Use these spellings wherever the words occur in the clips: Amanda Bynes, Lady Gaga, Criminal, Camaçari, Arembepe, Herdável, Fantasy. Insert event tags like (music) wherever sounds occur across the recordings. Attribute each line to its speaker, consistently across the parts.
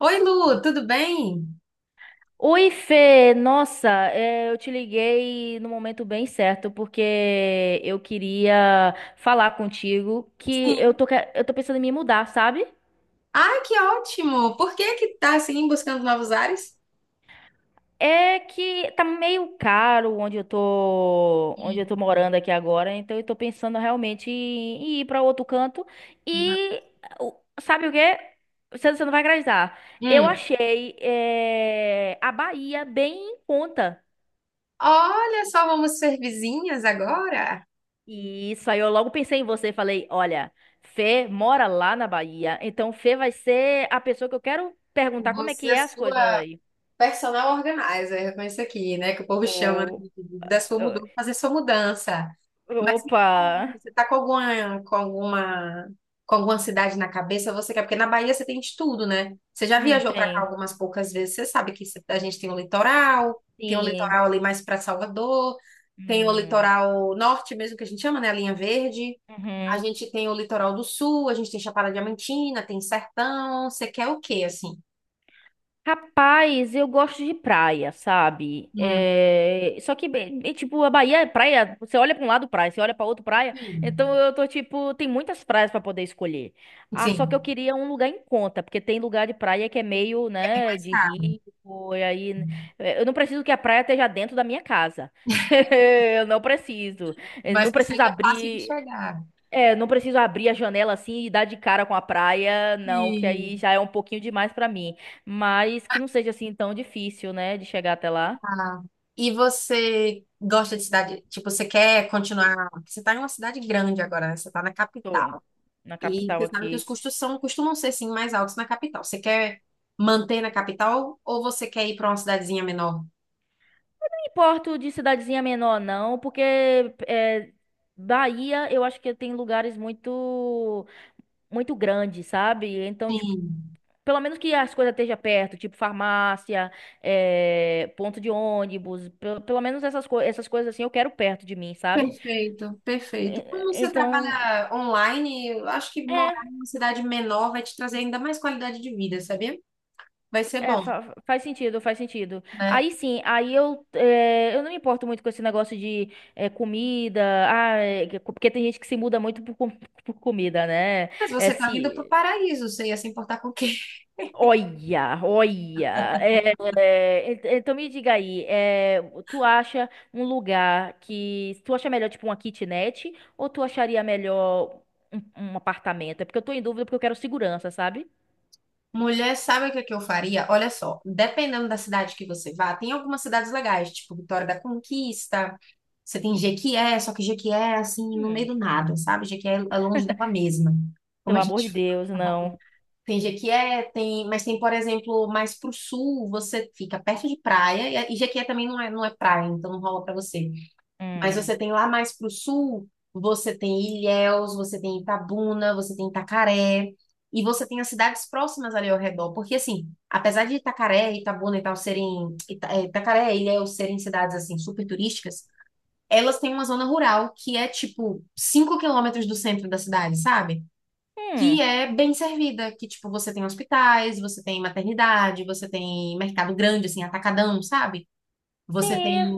Speaker 1: Oi, Lu, tudo bem?
Speaker 2: Oi, Fê! Nossa, eu te liguei no momento bem certo, porque eu queria falar contigo que
Speaker 1: Sim.
Speaker 2: eu tô pensando em me mudar, sabe?
Speaker 1: Ah, que ótimo! Por que que tá assim buscando novos ares?
Speaker 2: É que tá meio caro onde eu
Speaker 1: Hum.
Speaker 2: tô morando aqui agora, então eu tô pensando realmente em ir pra outro canto e o- sabe o quê? Você não vai acreditar. Eu
Speaker 1: Hum.
Speaker 2: achei, a Bahia bem em conta.
Speaker 1: Olha só, vamos ser vizinhas agora?
Speaker 2: E isso aí eu logo pensei em você, falei, olha, Fê mora lá na Bahia, então Fê vai ser a pessoa que eu quero perguntar como é
Speaker 1: Você,
Speaker 2: que
Speaker 1: a
Speaker 2: é as coisas
Speaker 1: sua.
Speaker 2: aí.
Speaker 1: Personal organizer, com isso aqui, né? Que o povo chama né,
Speaker 2: Ou,
Speaker 1: da sua mudança, fazer sua mudança. Mas me
Speaker 2: opa,
Speaker 1: conta, você tá com alguma cidade na cabeça? Você quer? Porque na Bahia você tem de tudo, né? Você já viajou pra cá
Speaker 2: tem.
Speaker 1: algumas poucas vezes. Você sabe que cê- a gente tem o
Speaker 2: Sim.
Speaker 1: litoral ali mais pra Salvador, tem o
Speaker 2: Hum,
Speaker 1: litoral norte mesmo que a gente chama, né? A linha verde. A
Speaker 2: uhum.
Speaker 1: gente tem o litoral do sul, a gente tem Chapada Diamantina, tem Sertão. Você quer o quê, assim?
Speaker 2: Rapaz, eu gosto de praia, sabe?
Speaker 1: Hum,
Speaker 2: Só que, bem, é tipo, a Bahia é praia. Você olha pra um lado praia, você olha pra outro praia. Então
Speaker 1: sim.
Speaker 2: eu tô tipo, tem muitas praias pra poder escolher. Ah, só que eu
Speaker 1: Sim.
Speaker 2: queria um lugar em conta, porque tem lugar de praia que é meio,
Speaker 1: É bem
Speaker 2: né,
Speaker 1: mais
Speaker 2: de
Speaker 1: caro,
Speaker 2: rico. E aí, eu não preciso que a praia esteja dentro da minha casa. (laughs) Eu não preciso. Eu não
Speaker 1: mas que
Speaker 2: preciso
Speaker 1: seja fácil de
Speaker 2: abrir.
Speaker 1: chegar.
Speaker 2: Não preciso abrir a janela assim e dar de cara com a praia, não, que
Speaker 1: E,
Speaker 2: aí já é um pouquinho demais pra mim. Mas que não seja assim tão difícil, né, de chegar até lá.
Speaker 1: tá. E você gosta de cidade? Tipo, você quer continuar? Porque você está em uma cidade grande agora, né? Você está na
Speaker 2: Tô
Speaker 1: capital.
Speaker 2: na
Speaker 1: E
Speaker 2: capital
Speaker 1: você sabe que
Speaker 2: aqui.
Speaker 1: os custos são, costumam ser, sim, mais altos na capital. Você quer manter na capital ou você quer ir para uma cidadezinha menor?
Speaker 2: Não importo de cidadezinha menor, não, porque é, Bahia eu acho que tem lugares muito, muito grandes, sabe? Então, tipo,
Speaker 1: Sim,
Speaker 2: pelo menos que as coisas estejam perto, tipo farmácia, ponto de ônibus, pelo menos essas, co essas coisas assim eu quero perto de mim, sabe?
Speaker 1: perfeito, perfeito. Como
Speaker 2: É,
Speaker 1: você
Speaker 2: então.
Speaker 1: trabalha online, eu acho que morar
Speaker 2: É,
Speaker 1: em uma cidade menor vai te trazer ainda mais qualidade de vida, sabia? Vai ser
Speaker 2: é,
Speaker 1: bom,
Speaker 2: fa- faz sentido, faz sentido.
Speaker 1: né?
Speaker 2: Aí sim, eu não me importo muito com esse negócio de comida, ah, porque tem gente que se muda muito por comida, né?
Speaker 1: Mas
Speaker 2: É,
Speaker 1: você tá vindo pro
Speaker 2: se,
Speaker 1: paraíso, você ia se importar com o quê?
Speaker 2: Olha, olha. Então me diga aí, tu acha um lugar que, tu acha melhor tipo uma kitnet ou tu acharia melhor um apartamento? É porque eu tô em dúvida porque eu quero segurança, sabe?
Speaker 1: (laughs) Mulher, sabe o que é que eu faria? Olha só, dependendo da cidade que você vá, tem algumas cidades legais, tipo Vitória da Conquista, você tem Jequié, só que Jequié é assim, no meio
Speaker 2: Hum.
Speaker 1: do nada, sabe? Jequié é longe dela mesma. Como
Speaker 2: Pelo
Speaker 1: a
Speaker 2: amor
Speaker 1: gente
Speaker 2: de
Speaker 1: (laughs)
Speaker 2: Deus, não.
Speaker 1: tem Jequié, tem, mas tem, por exemplo, mais pro sul, você fica perto de praia, e Jequié também não é, não é praia, então não rola pra você. Mas
Speaker 2: Hum.
Speaker 1: você tem lá mais para o sul, você tem Ilhéus, você tem Itabuna, você tem Itacaré, e você tem as cidades próximas ali ao redor. Porque, assim, apesar de Itacaré, Itabuna e tal serem. Itacaré e Ilhéus serem cidades, assim, super turísticas, elas têm uma zona rural que é, tipo, 5 km do centro da cidade, sabe? Que
Speaker 2: Hum.
Speaker 1: é bem servida, que, tipo, você tem hospitais, você tem maternidade, você tem mercado grande, assim, atacadão, sabe? Você tem
Speaker 2: Sim,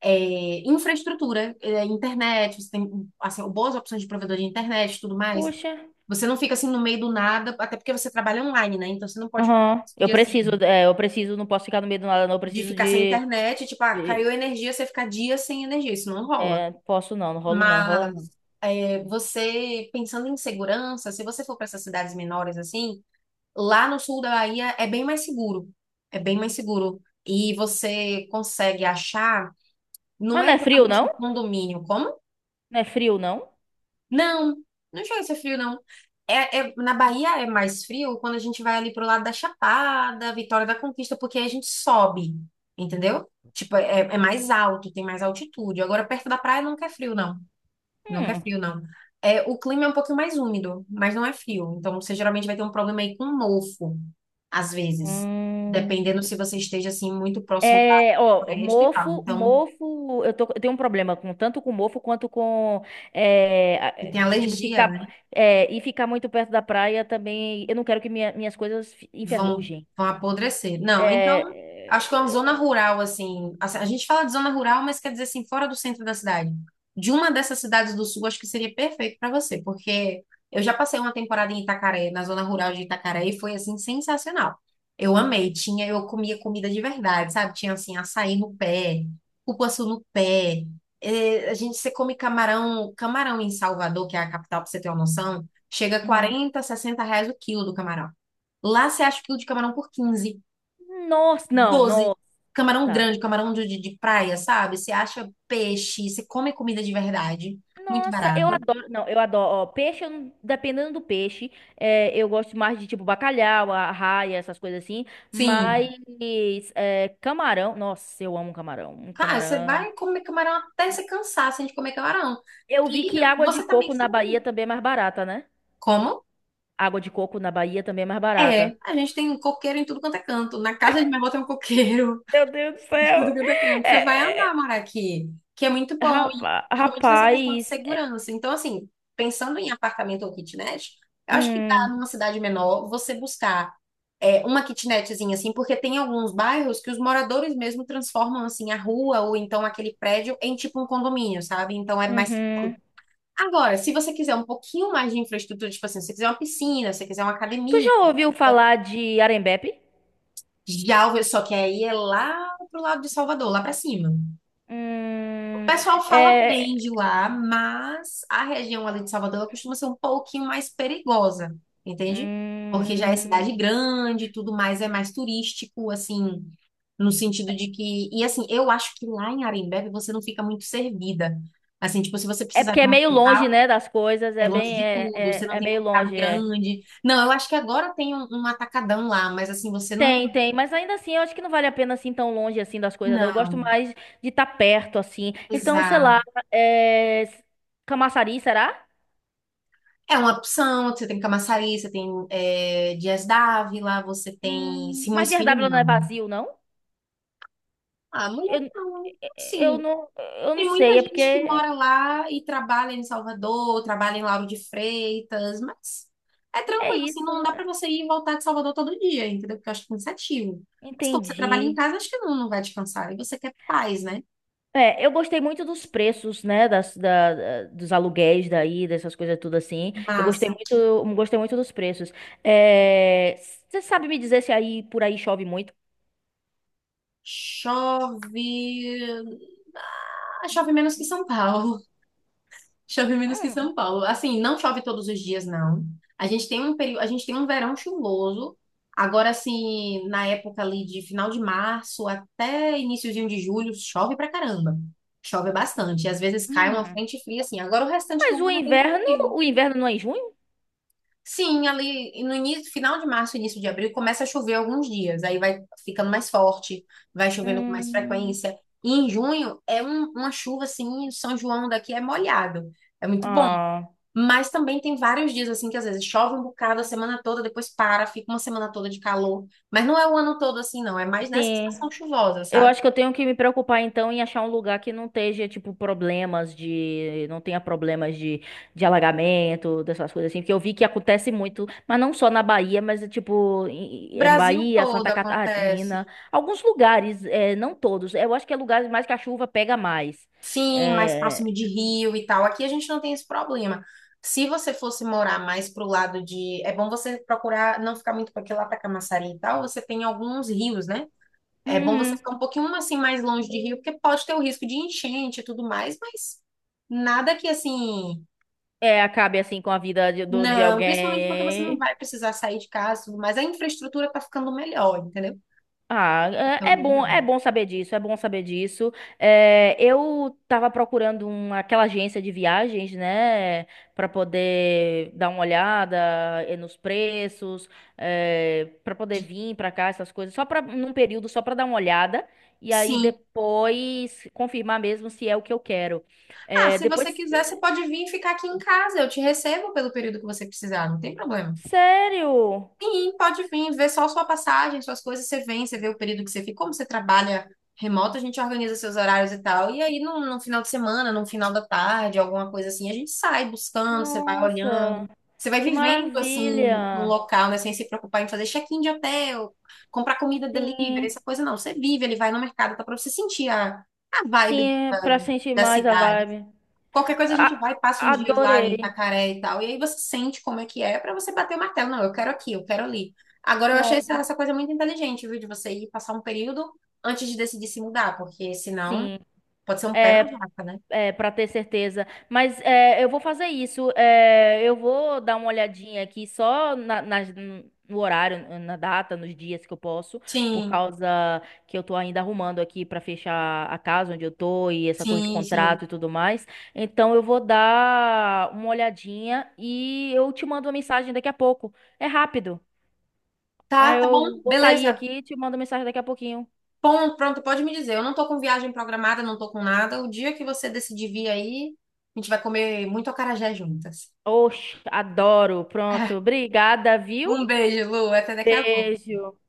Speaker 1: é, infraestrutura, é, internet, você tem assim, boas opções de provedor de internet e tudo mais.
Speaker 2: puxa.
Speaker 1: Você não fica assim no meio do nada, até porque você trabalha online, né? Então você não pode
Speaker 2: Aham.
Speaker 1: se
Speaker 2: Eu
Speaker 1: pedir
Speaker 2: preciso,
Speaker 1: assim
Speaker 2: é, eu preciso, não posso ficar no meio do nada, não. Eu
Speaker 1: de
Speaker 2: preciso
Speaker 1: ficar sem internet, tipo, ah,
Speaker 2: de-
Speaker 1: caiu a energia, você fica dias sem energia, isso não rola.
Speaker 2: é, Posso não, não rolo não, rola
Speaker 1: Mas
Speaker 2: não.
Speaker 1: é, você pensando em segurança, se você for para essas cidades menores assim, lá no sul da Bahia é bem mais seguro. É bem mais seguro. E você consegue achar. Não
Speaker 2: Mas
Speaker 1: é
Speaker 2: não é frio,
Speaker 1: exatamente
Speaker 2: não?
Speaker 1: um condomínio. Como?
Speaker 2: Não é frio, não?
Speaker 1: Não, não chega a ser frio, não. É, é- na Bahia é mais frio quando a gente vai ali pro lado da Chapada, Vitória da Conquista, porque aí a gente sobe, entendeu? Tipo, é, é mais alto, tem mais altitude. Agora, perto da praia nunca é frio, não. Nunca é
Speaker 2: Hum.
Speaker 1: frio, não. É, o clima é um pouquinho mais úmido, mas não é frio. Então, você geralmente vai ter um problema aí com mofo, às vezes.
Speaker 2: Hum.
Speaker 1: Dependendo se você esteja, assim, muito próximo da
Speaker 2: Ó,
Speaker 1: floresta e tal.
Speaker 2: mofo,
Speaker 1: Então,
Speaker 2: mofo, eu tenho um problema com tanto com mofo quanto com,
Speaker 1: se tem
Speaker 2: tipo,
Speaker 1: alergia,
Speaker 2: e ficar muito perto da praia também, eu não quero que minhas coisas
Speaker 1: vão,
Speaker 2: enferrujem.
Speaker 1: vão apodrecer.
Speaker 2: É,
Speaker 1: Não, então, acho que é uma
Speaker 2: é,
Speaker 1: zona
Speaker 2: eu-
Speaker 1: rural, assim, assim, a gente fala de zona rural, mas quer dizer, assim, fora do centro da cidade. De uma dessas cidades do sul, acho que seria perfeito para você, porque eu já passei uma temporada em Itacaré, na zona rural de Itacaré, e foi, assim, sensacional. Eu amei, tinha, eu comia comida de verdade, sabe? Tinha, assim, açaí no pé, cupuaçu no pé, eh, a gente, você come camarão, camarão em Salvador, que é a capital, pra você ter uma noção, chega a
Speaker 2: Uhum.
Speaker 1: 40, 60 reais o quilo do camarão. Lá você acha o quilo de camarão por 15,
Speaker 2: Nossa, não,
Speaker 1: 12.
Speaker 2: nossa.
Speaker 1: Camarão grande, camarão de praia, sabe? Você acha peixe, você come comida de verdade, muito
Speaker 2: Nossa, eu
Speaker 1: barato.
Speaker 2: adoro. Não, eu adoro. Ó, peixe, eu não- dependendo do peixe, eu gosto mais de tipo bacalhau, arraia, essas coisas assim. Mas
Speaker 1: Sim,
Speaker 2: camarão, nossa, eu amo camarão. Um
Speaker 1: cara, você
Speaker 2: camarão.
Speaker 1: vai comer camarão até você cansar assim, de comer camarão.
Speaker 2: Eu vi
Speaker 1: E
Speaker 2: que água de
Speaker 1: você também
Speaker 2: coco na
Speaker 1: tem.
Speaker 2: Bahia também é mais barata, né?
Speaker 1: Como?
Speaker 2: Água de coco na Bahia também é mais
Speaker 1: É,
Speaker 2: barata.
Speaker 1: a gente tem coqueiro em tudo quanto é canto. Na casa de minha avó tem um coqueiro.
Speaker 2: Meu Deus do
Speaker 1: De tudo
Speaker 2: céu!
Speaker 1: que é canto, você vai
Speaker 2: É,
Speaker 1: amar
Speaker 2: é,
Speaker 1: morar aqui, que é muito bom, e
Speaker 2: rapa-
Speaker 1: principalmente nessa questão de
Speaker 2: rapaz.
Speaker 1: segurança. Então, assim, pensando em apartamento ou kitnet, eu acho que
Speaker 2: Hum,
Speaker 1: dá numa cidade menor você buscar é, uma kitnetzinha, assim, porque tem alguns bairros que os moradores mesmo transformam, assim, a rua ou então aquele prédio em tipo um condomínio, sabe? Então é mais
Speaker 2: uhum.
Speaker 1: seguro. Agora, se você quiser um pouquinho mais de infraestrutura, tipo assim, se você quiser uma piscina, se você quiser uma
Speaker 2: Tu
Speaker 1: academia.
Speaker 2: já ouviu falar de Arembepe?
Speaker 1: Já, só que aí é lá pro lado de Salvador, lá pra cima. O
Speaker 2: Hum,
Speaker 1: pessoal fala bem
Speaker 2: é,
Speaker 1: de lá, mas a região ali de Salvador ela costuma ser um pouquinho mais perigosa, entende? Porque já é cidade
Speaker 2: Hum,
Speaker 1: grande, tudo mais é mais turístico, assim, no sentido de que. E assim, eu acho que lá em Arembebe você não fica muito servida. Assim, tipo, se você
Speaker 2: é
Speaker 1: precisar
Speaker 2: porque
Speaker 1: de
Speaker 2: é
Speaker 1: um
Speaker 2: meio longe,
Speaker 1: hospital,
Speaker 2: né, das coisas,
Speaker 1: é longe de tudo, você não
Speaker 2: é
Speaker 1: tem
Speaker 2: meio
Speaker 1: mercado
Speaker 2: longe, é.
Speaker 1: grande. Não, eu acho que agora tem um, um atacadão lá, mas assim, você não.
Speaker 2: Tem, tem, mas ainda assim, eu acho que não vale a pena assim tão longe assim das coisas, não. Eu gosto
Speaker 1: Não,
Speaker 2: mais de estar perto, assim. Então, sei lá,
Speaker 1: exato.
Speaker 2: é... Camaçari, será?
Speaker 1: É uma opção, você tem Camaçari, você tem é, Dias Dávila, você tem
Speaker 2: Mas
Speaker 1: Simões
Speaker 2: de
Speaker 1: Filho,
Speaker 2: Herdável não é
Speaker 1: não.
Speaker 2: vazio, não?
Speaker 1: Ah, mulher
Speaker 2: Eu, é,
Speaker 1: não.
Speaker 2: é, eu
Speaker 1: Assim,
Speaker 2: não, eu não
Speaker 1: tem muita
Speaker 2: sei, é porque
Speaker 1: gente que mora lá e trabalha em Salvador, trabalha em Lauro de Freitas, mas é
Speaker 2: é
Speaker 1: tranquilo, assim,
Speaker 2: isso,
Speaker 1: não dá
Speaker 2: né?
Speaker 1: pra você ir e voltar de Salvador todo dia, entendeu? Porque eu acho cansativo. Mas como você trabalha em
Speaker 2: Entendi.
Speaker 1: casa, acho que não, não vai te cansar. E você quer paz, né?
Speaker 2: Eu gostei muito dos preços, né, dos aluguéis daí, dessas coisas tudo assim. Eu
Speaker 1: Massa.
Speaker 2: gostei muito dos preços. É, você sabe me dizer se aí por aí chove muito?
Speaker 1: Chove. Ah, chove menos que São Paulo. Chove menos que
Speaker 2: Hum,
Speaker 1: São Paulo. Assim, não chove todos os dias, não. A gente tem um período, a gente tem um verão chuvoso. Agora, assim, na época ali de final de março até iniciozinho de julho, chove pra caramba. Chove bastante. Às vezes cai uma
Speaker 2: hum.
Speaker 1: frente fria, assim. Agora o restante do
Speaker 2: Mas o
Speaker 1: ano é bem
Speaker 2: inverno,
Speaker 1: tranquilo.
Speaker 2: o inverno não é em junho?
Speaker 1: Sim, ali no início, final de março, início de abril, começa a chover alguns dias. Aí vai ficando mais forte, vai chovendo com mais
Speaker 2: Hum,
Speaker 1: frequência. E em junho é uma chuva assim, São João daqui é molhado. É muito bom.
Speaker 2: ah,
Speaker 1: Mas também tem vários dias assim que às vezes chove um bocado a semana toda, depois para, fica uma semana toda de calor. Mas não é o ano todo assim, não. É mais nessa
Speaker 2: sim.
Speaker 1: estação chuvosa,
Speaker 2: Eu
Speaker 1: sabe?
Speaker 2: acho que eu tenho que me preocupar então em achar um lugar que não esteja, tipo, problemas de. Não tenha problemas de alagamento, dessas coisas assim, porque eu vi que acontece muito, mas não só na Bahia, mas tipo, em
Speaker 1: Brasil
Speaker 2: Bahia,
Speaker 1: todo
Speaker 2: Santa
Speaker 1: acontece.
Speaker 2: Catarina, alguns lugares, não todos. Eu acho que é lugares mais que a chuva pega mais.
Speaker 1: Sim, mais
Speaker 2: É,
Speaker 1: próximo de Rio e tal. Aqui a gente não tem esse problema. Se você fosse morar mais pro lado de. É bom você procurar não ficar muito para aquele lá para Camaçari e tal. Você tem alguns rios, né? É bom você
Speaker 2: uhum.
Speaker 1: ficar um pouquinho um, assim mais longe de Rio, porque pode ter o risco de enchente e tudo mais, mas nada que assim.
Speaker 2: Acabe assim com a vida de
Speaker 1: Não, principalmente porque você não
Speaker 2: alguém.
Speaker 1: vai precisar sair de casa, e tudo mais a infraestrutura tá ficando melhor, entendeu?
Speaker 2: Ah,
Speaker 1: Tá
Speaker 2: é
Speaker 1: ficando
Speaker 2: é
Speaker 1: melhor.
Speaker 2: bom, é bom saber disso, é bom saber disso. Eu tava procurando uma, aquela agência de viagens, né, para poder dar uma olhada nos preços, para poder vir para cá, essas coisas, só para num período só para dar uma olhada e aí
Speaker 1: Sim.
Speaker 2: depois confirmar mesmo se é o que eu quero.
Speaker 1: Ah,
Speaker 2: É,
Speaker 1: se você
Speaker 2: depois,
Speaker 1: quiser, você pode vir ficar aqui em casa. Eu te recebo pelo período que você precisar, não tem problema.
Speaker 2: sério?
Speaker 1: Sim, pode vir, ver só sua passagem, suas coisas, você vem, você vê o período que você fica, como você trabalha remoto, a gente organiza seus horários e tal. E aí, num, num final de semana, num final da tarde, alguma coisa assim, a gente sai buscando, você vai olhando,
Speaker 2: Nossa,
Speaker 1: você vai
Speaker 2: que
Speaker 1: vivendo assim no
Speaker 2: maravilha!
Speaker 1: local, né? Sem se preocupar em fazer check-in de hotel, comprar comida delivery,
Speaker 2: Sim,
Speaker 1: essa coisa não. Você vive, ele vai no mercado, tá pra você sentir a vibe
Speaker 2: sim,
Speaker 1: da,
Speaker 2: para sentir
Speaker 1: da
Speaker 2: mais a
Speaker 1: cidade.
Speaker 2: vibe.
Speaker 1: Qualquer coisa a gente
Speaker 2: A-
Speaker 1: vai, passa uns dias lá em
Speaker 2: adorei.
Speaker 1: Itacaré e tal. E aí você sente como é que é pra você bater o martelo. Não, eu quero aqui, eu quero ali. Agora eu achei essa,
Speaker 2: Pronto.
Speaker 1: essa coisa muito inteligente, viu? De você ir passar um período antes de decidir se mudar, porque senão
Speaker 2: Sim,
Speaker 1: pode ser um pé na jaca, né?
Speaker 2: para ter certeza. Mas eu vou fazer isso. Eu vou dar uma olhadinha aqui só no horário, na data, nos dias que eu posso, por
Speaker 1: Sim,
Speaker 2: causa que eu tô ainda arrumando aqui para fechar a casa onde eu tô e essa coisa de
Speaker 1: sim, sim.
Speaker 2: contrato e tudo mais. Então eu vou dar uma olhadinha e eu te mando uma mensagem daqui a pouco. É rápido.
Speaker 1: Tá,
Speaker 2: Aí
Speaker 1: tá bom,
Speaker 2: eu vou sair
Speaker 1: beleza.
Speaker 2: aqui e te mando mensagem daqui a pouquinho.
Speaker 1: Bom, pronto, pode me dizer. Eu não tô com viagem programada, não tô com nada. O dia que você decidir vir aí, a gente vai comer muito acarajé juntas.
Speaker 2: Oxe, adoro. Pronto.
Speaker 1: (laughs)
Speaker 2: Obrigada,
Speaker 1: Um
Speaker 2: viu?
Speaker 1: beijo, Lu. Até daqui a pouco.
Speaker 2: Beijo.